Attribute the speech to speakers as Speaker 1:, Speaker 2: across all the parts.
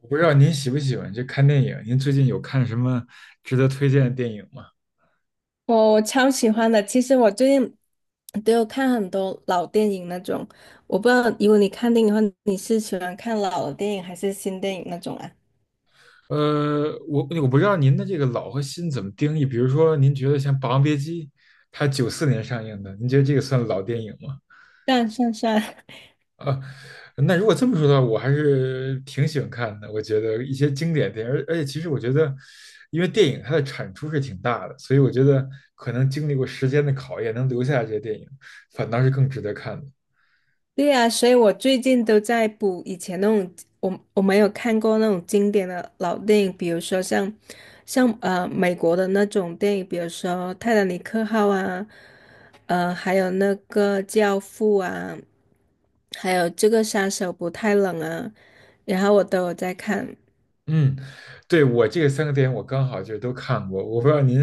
Speaker 1: 我不知道您喜不喜欢这看电影，您最近有看什么值得推荐的电影吗？
Speaker 2: 我超喜欢的。其实我最近都有看很多老电影那种，我不知道，如果你看电影的话，你是喜欢看老的电影还是新电影那种啊？
Speaker 1: 我不知道您的这个老和新怎么定义，比如说您觉得像《霸王别姬》，它九四年上映的，您觉得这个算老电影吗？
Speaker 2: 算算算，
Speaker 1: 啊，那如果这么说的话，我还是挺喜欢看的。我觉得一些经典电影，而且其实我觉得，因为电影它的产出是挺大的，所以我觉得可能经历过时间的考验，能留下来这些电影，反倒是更值得看的。
Speaker 2: 对呀，所以我最近都在补以前那种我没有看过那种经典的老电影，比如说像像美国的那种电影，比如说《泰坦尼克号》啊，还有那个《教父》啊，还有这个《杀手不太冷》啊，然后我都有在看。
Speaker 1: 嗯，对，我这个三个电影我刚好就都看过，我不知道您，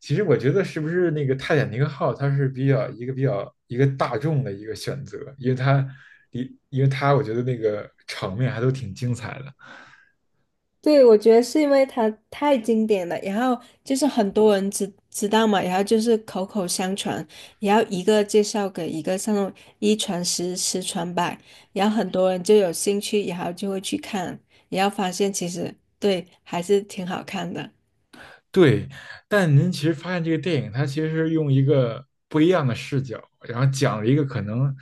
Speaker 1: 其实我觉得是不是那个《泰坦尼克号》它是比较一个大众的一个选择，因为它，因为它我觉得那个场面还都挺精彩的。
Speaker 2: 对，我觉得是因为它太经典了，然后就是很多人知道嘛，然后就是口口相传，然后一个介绍给一个，像那种一传十，十传百，然后很多人就有兴趣，然后就会去看，然后发现其实对还是挺好看的。
Speaker 1: 对，但您其实发现这个电影，它其实是用一个不一样的视角，然后讲了一个可能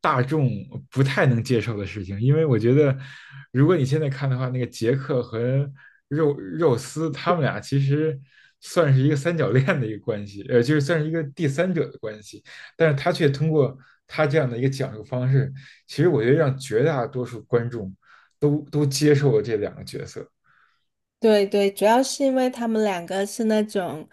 Speaker 1: 大众不太能接受的事情。因为我觉得，如果你现在看的话，那个杰克和肉丝他们俩其实算是一个三角恋的一个关系，就是算是一个第三者的关系。但是他却通过他这样的一个讲述方式，其实我觉得让绝大多数观众都接受了这两个角色。
Speaker 2: 对对，主要是因为他们两个是那种，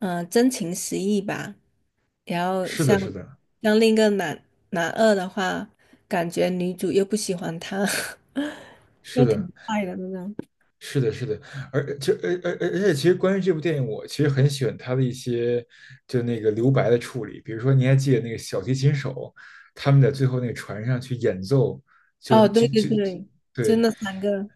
Speaker 2: 嗯、真情实意吧。然后
Speaker 1: 是的，
Speaker 2: 像
Speaker 1: 是的，
Speaker 2: 像另一个男二的话，感觉女主又不喜欢他。
Speaker 1: 是
Speaker 2: 又挺
Speaker 1: 的。
Speaker 2: 快的，真的。
Speaker 1: 是的，是的，而就而而而而且，其实关于这部电影，我其实很喜欢它的一些就那个留白的处理。比如说，你还记得那个小提琴手他们在最后那个船上去演奏，就
Speaker 2: 哦，
Speaker 1: 就
Speaker 2: 对对
Speaker 1: 就就
Speaker 2: 对，就
Speaker 1: 对，
Speaker 2: 那三个，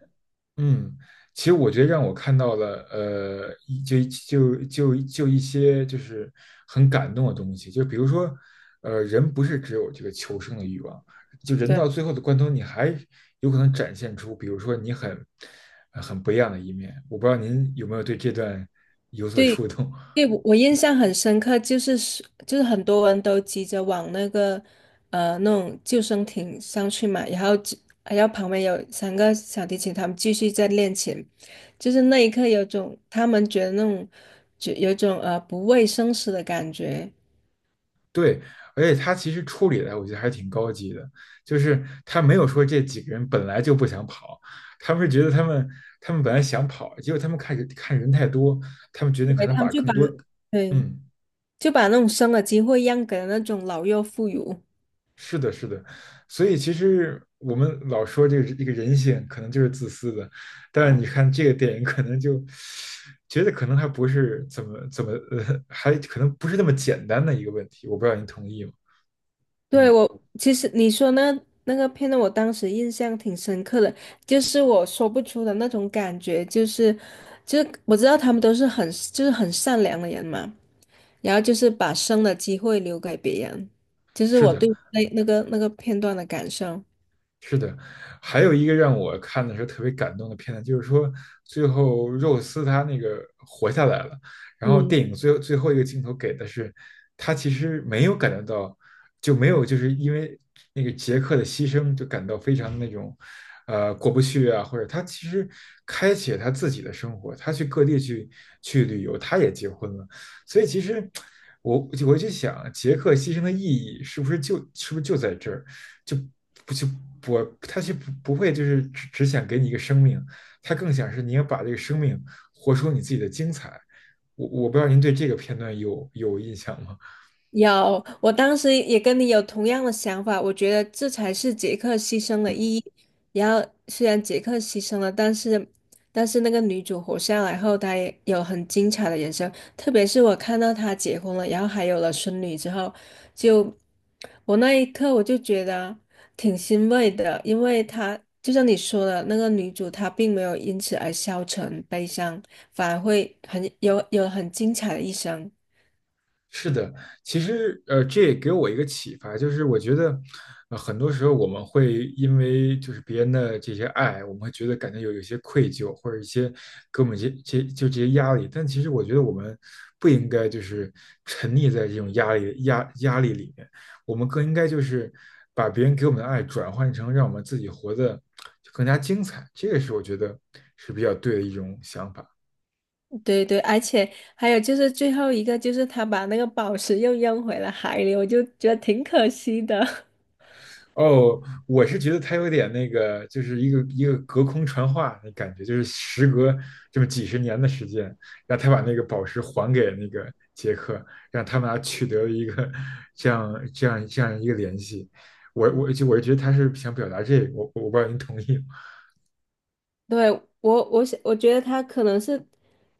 Speaker 1: 嗯，其实我觉得让我看到了，呃，一就就就就一些就是很感动的东西，就比如说，呃，人不是只有这个求生的欲望，就人到
Speaker 2: 对
Speaker 1: 最后的关头，你还有可能展现出，比如说你很不一样的一面。我不知道您有没有对这段有所
Speaker 2: 对
Speaker 1: 触动。
Speaker 2: 对，我印象很深刻，就是就是很多人都急着往那个那种救生艇上去嘛，然后只然后旁边有三个小提琴，他们继续在练琴，就是那一刻有种他们觉得那种就有种不畏生死的感觉，
Speaker 1: 对，而且他其实处理的我觉得还挺高级的，就是他没有说这几个人本来就不想跑，他们是觉得他们本来想跑，结果他们看人太多，他们决定可
Speaker 2: 对，
Speaker 1: 能
Speaker 2: 他们
Speaker 1: 把
Speaker 2: 就
Speaker 1: 更
Speaker 2: 把
Speaker 1: 多，
Speaker 2: 对
Speaker 1: 嗯，
Speaker 2: 就把那种生的机会让给了那种老弱妇孺。
Speaker 1: 是的，是的，所以其实我们老说这个人性可能就是自私的，但是你看这个电影可能就觉得可能还不是怎么怎么呃，还可能不是那么简单的一个问题，我不知道您同意吗？
Speaker 2: 对，
Speaker 1: 嗯，
Speaker 2: 我其实你说那那个片段，我当时印象挺深刻的，就是我说不出的那种感觉，就是就是我知道他们都是很就是很善良的人嘛，然后就是把生的机会留给别人，就是
Speaker 1: 是
Speaker 2: 我
Speaker 1: 的，
Speaker 2: 对那那个片段的感受。
Speaker 1: 是的，还有一个让我看的时候特别感动的片段，就是说最后肉丝他那个活下来了，然后
Speaker 2: 嗯。
Speaker 1: 电影最后一个镜头给的是他其实没有感觉到，就没有就是因为那个杰克的牺牲就感到非常的那种呃过不去啊，或者他其实开启了他自己的生活，他去各地去旅游，他也结婚了，所以其实我我就想杰克牺牲的意义是不是就在这儿？就不就不他就不会就是只想给你一个生命，他更想是你要把这个生命活出你自己的精彩。我不知道您对这个片段有印象吗？
Speaker 2: 有，我当时也跟你有同样的想法，我觉得这才是杰克牺牲的意义。然后虽然杰克牺牲了，但是那个女主活下来后，她也有很精彩的人生。特别是我看到她结婚了，然后还有了孙女之后，就我那一刻我就觉得挺欣慰的，因为她就像你说的，那个女主她并没有因此而消沉悲伤，反而会有很精彩的一生。
Speaker 1: 是的，其实呃，这也给我一个启发，就是我觉得，呃，很多时候我们会因为就是别人的这些爱，我们会觉得感觉有些愧疚，或者一些给我们这些压力。但其实我觉得我们不应该就是沉溺在这种压力里面，我们更应该就是把别人给我们的爱转换成让我们自己活得就更加精彩，这个是我觉得是比较对的一种想法。
Speaker 2: 对对，而且还有就是最后一个，就是他把那个宝石又扔回了海里，我就觉得挺可惜的。
Speaker 1: 哦，我是觉得他有点那个，就是一个隔空传话的感觉，就是时隔这么几十年的时间，让他把那个宝石还给那个杰克，让他们俩取得了一个这样一个联系。我觉得他是想表达这个，我不知道您同意。
Speaker 2: 对，我，我想，我觉得他可能是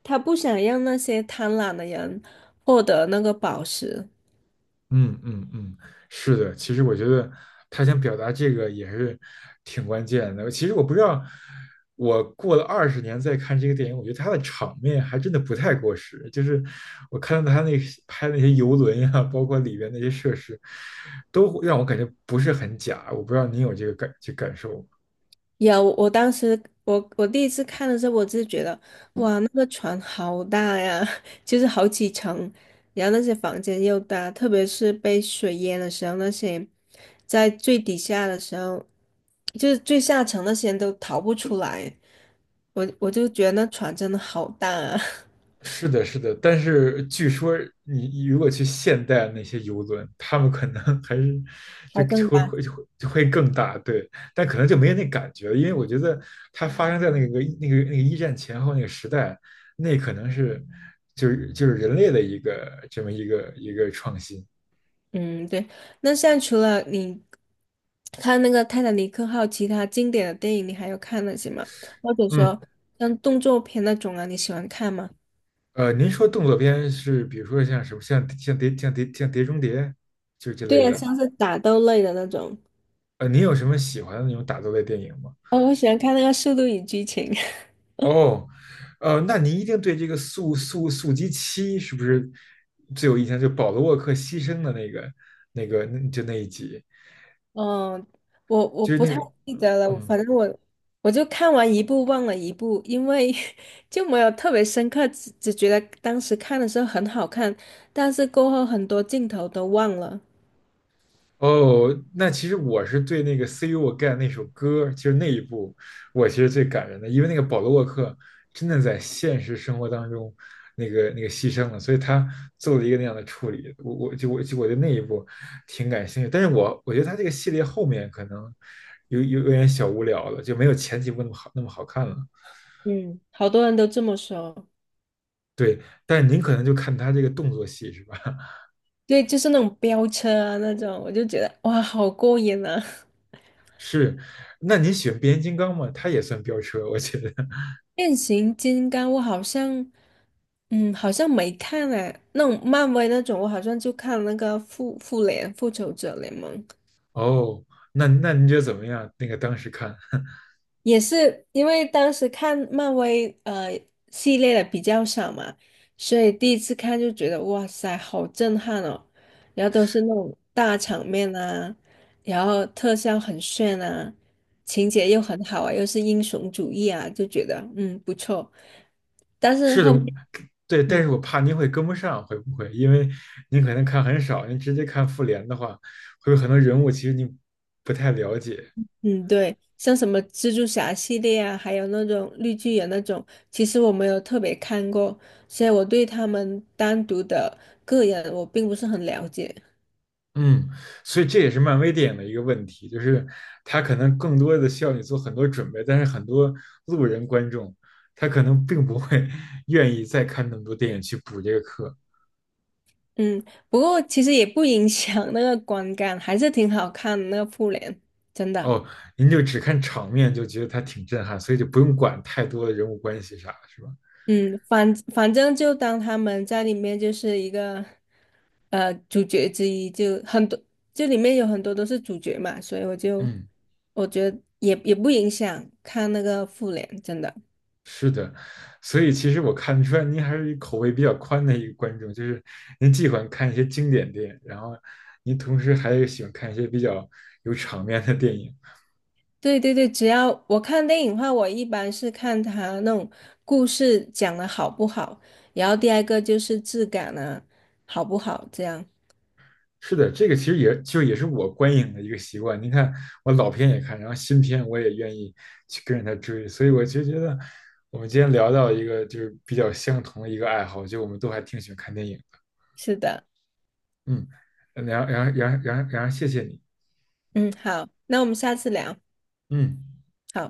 Speaker 2: 他不想让那些贪婪的人获得那个宝石。
Speaker 1: 嗯嗯嗯，是的，其实我觉得他想表达这个也是挺关键的。其实我不知道，我过了二十年再看这个电影，我觉得他的场面还真的不太过时。就是我看到他那些拍那些游轮呀、包括里边那些设施，都让我感觉不是很假。我不知道你有这个感受吗？
Speaker 2: 有，我当时我第一次看的时候，我就觉得，哇，那个船好大呀，就是好几层，然后那些房间又大，特别是被水淹的时候，那些在最底下的时候，就是最下层那些人都逃不出来，我就觉得那船真的好大啊，
Speaker 1: 是的，是的，但是据说你如果去现代那些游轮，他们可能 还是 就
Speaker 2: 还
Speaker 1: 就
Speaker 2: 更
Speaker 1: 会
Speaker 2: 大。
Speaker 1: 会就会就会更大，对，但可能就没有那感觉了，因为我觉得它发生在那个那个一战前后那个时代，那可能是就是人类的一个这么一个创新。
Speaker 2: 嗯，对。那像除了你看那个《泰坦尼克号》，其他经典的电影你还有看那些吗？或者
Speaker 1: 嗯，
Speaker 2: 说像动作片那种啊，你喜欢看吗？
Speaker 1: 呃，您说动作片是比如说像什么像碟中谍就这
Speaker 2: 对
Speaker 1: 类
Speaker 2: 呀，
Speaker 1: 的，
Speaker 2: 像是打斗类的那种。
Speaker 1: 呃，您有什么喜欢的那种打斗类电影吗？
Speaker 2: 哦，我喜欢看那个《速度与激情》。
Speaker 1: 哦，呃，那您一定对这个速速速激七是不是最有印象？就保罗沃克牺牲的那个、那个、那就那一集，
Speaker 2: 嗯，我
Speaker 1: 就是
Speaker 2: 不
Speaker 1: 那
Speaker 2: 太
Speaker 1: 个，
Speaker 2: 记得了，
Speaker 1: 嗯。
Speaker 2: 反正我就看完一部忘了一部，因为 就没有特别深刻，只觉得当时看的时候很好看，但是过后很多镜头都忘了。
Speaker 1: 哦，那其实我是对那个《See You Again》那首歌，就是那一部，我其实最感人的，因为那个保罗沃克真的在现实生活当中，那个那个牺牲了，所以他做了一个那样的处理。我对那一部挺感兴趣，但是我觉得他这个系列后面可能有点小无聊了，就没有前几部那么好看了。
Speaker 2: 嗯，好多人都这么说。
Speaker 1: 对，但是您可能就看他这个动作戏是吧？
Speaker 2: 对，就是那种飙车啊那种，我就觉得哇，好过瘾啊！
Speaker 1: 是，那您喜欢变形金刚吗？他也算飙车，我觉得。
Speaker 2: 变形金刚我好像，嗯，好像没看哎、那种漫威那种，我好像就看那个复仇者联盟。
Speaker 1: 哦，那您觉得怎么样？那个当时看
Speaker 2: 也是因为当时看漫威系列的比较少嘛，所以第一次看就觉得哇塞，好震撼哦！然后都是那种大场面啊，然后特效很炫啊，情节又很好啊，又是英雄主义啊，就觉得嗯不错。但是
Speaker 1: 是的，
Speaker 2: 后
Speaker 1: 我
Speaker 2: 面。
Speaker 1: 对，但
Speaker 2: 嗯。
Speaker 1: 是我怕您会跟不上，会不会？因为您可能看很少，您直接看复联的话，会有很多人物其实您不太了解。
Speaker 2: 嗯，对，像什么蜘蛛侠系列啊，还有那种绿巨人那种，其实我没有特别看过，所以我对他们单独的个人我并不是很了解。
Speaker 1: 嗯，所以这也是漫威电影的一个问题，就是它可能更多的需要你做很多准备，但是很多路人观众他可能并不会 愿意再看那么多电影去补这个课。
Speaker 2: 嗯，不过其实也不影响那个观感，还是挺好看的那个复联，真的。
Speaker 1: 哦，您就只看场面就觉得它挺震撼，所以就不用管太多的人物关系啥，是吧？
Speaker 2: 嗯，反正就当他们在里面就是一个主角之一，就很多，就里面有很多都是主角嘛，所以我就
Speaker 1: 嗯，
Speaker 2: 我觉得也不影响看那个复联，真的。
Speaker 1: 是的，所以其实我看出来您还是一口味比较宽的一个观众，就是您既喜欢看一些经典电影，然后您同时还喜欢看一些比较有场面的电影。
Speaker 2: 对对对，只要我看电影的话，我一般是看它那种故事讲的好不好，然后第二个就是质感啊，好不好？这样，
Speaker 1: 是的，这个其实也是我观影的一个习惯。您看，我老片也看，然后新片我也愿意去跟着他追，所以我就觉得我们今天聊到一个就是比较相同的一个爱好，就我们都还挺喜欢看电影的。
Speaker 2: 是的，
Speaker 1: 嗯，谢谢你。
Speaker 2: 嗯，好，那我们下次聊。
Speaker 1: 嗯。
Speaker 2: 好。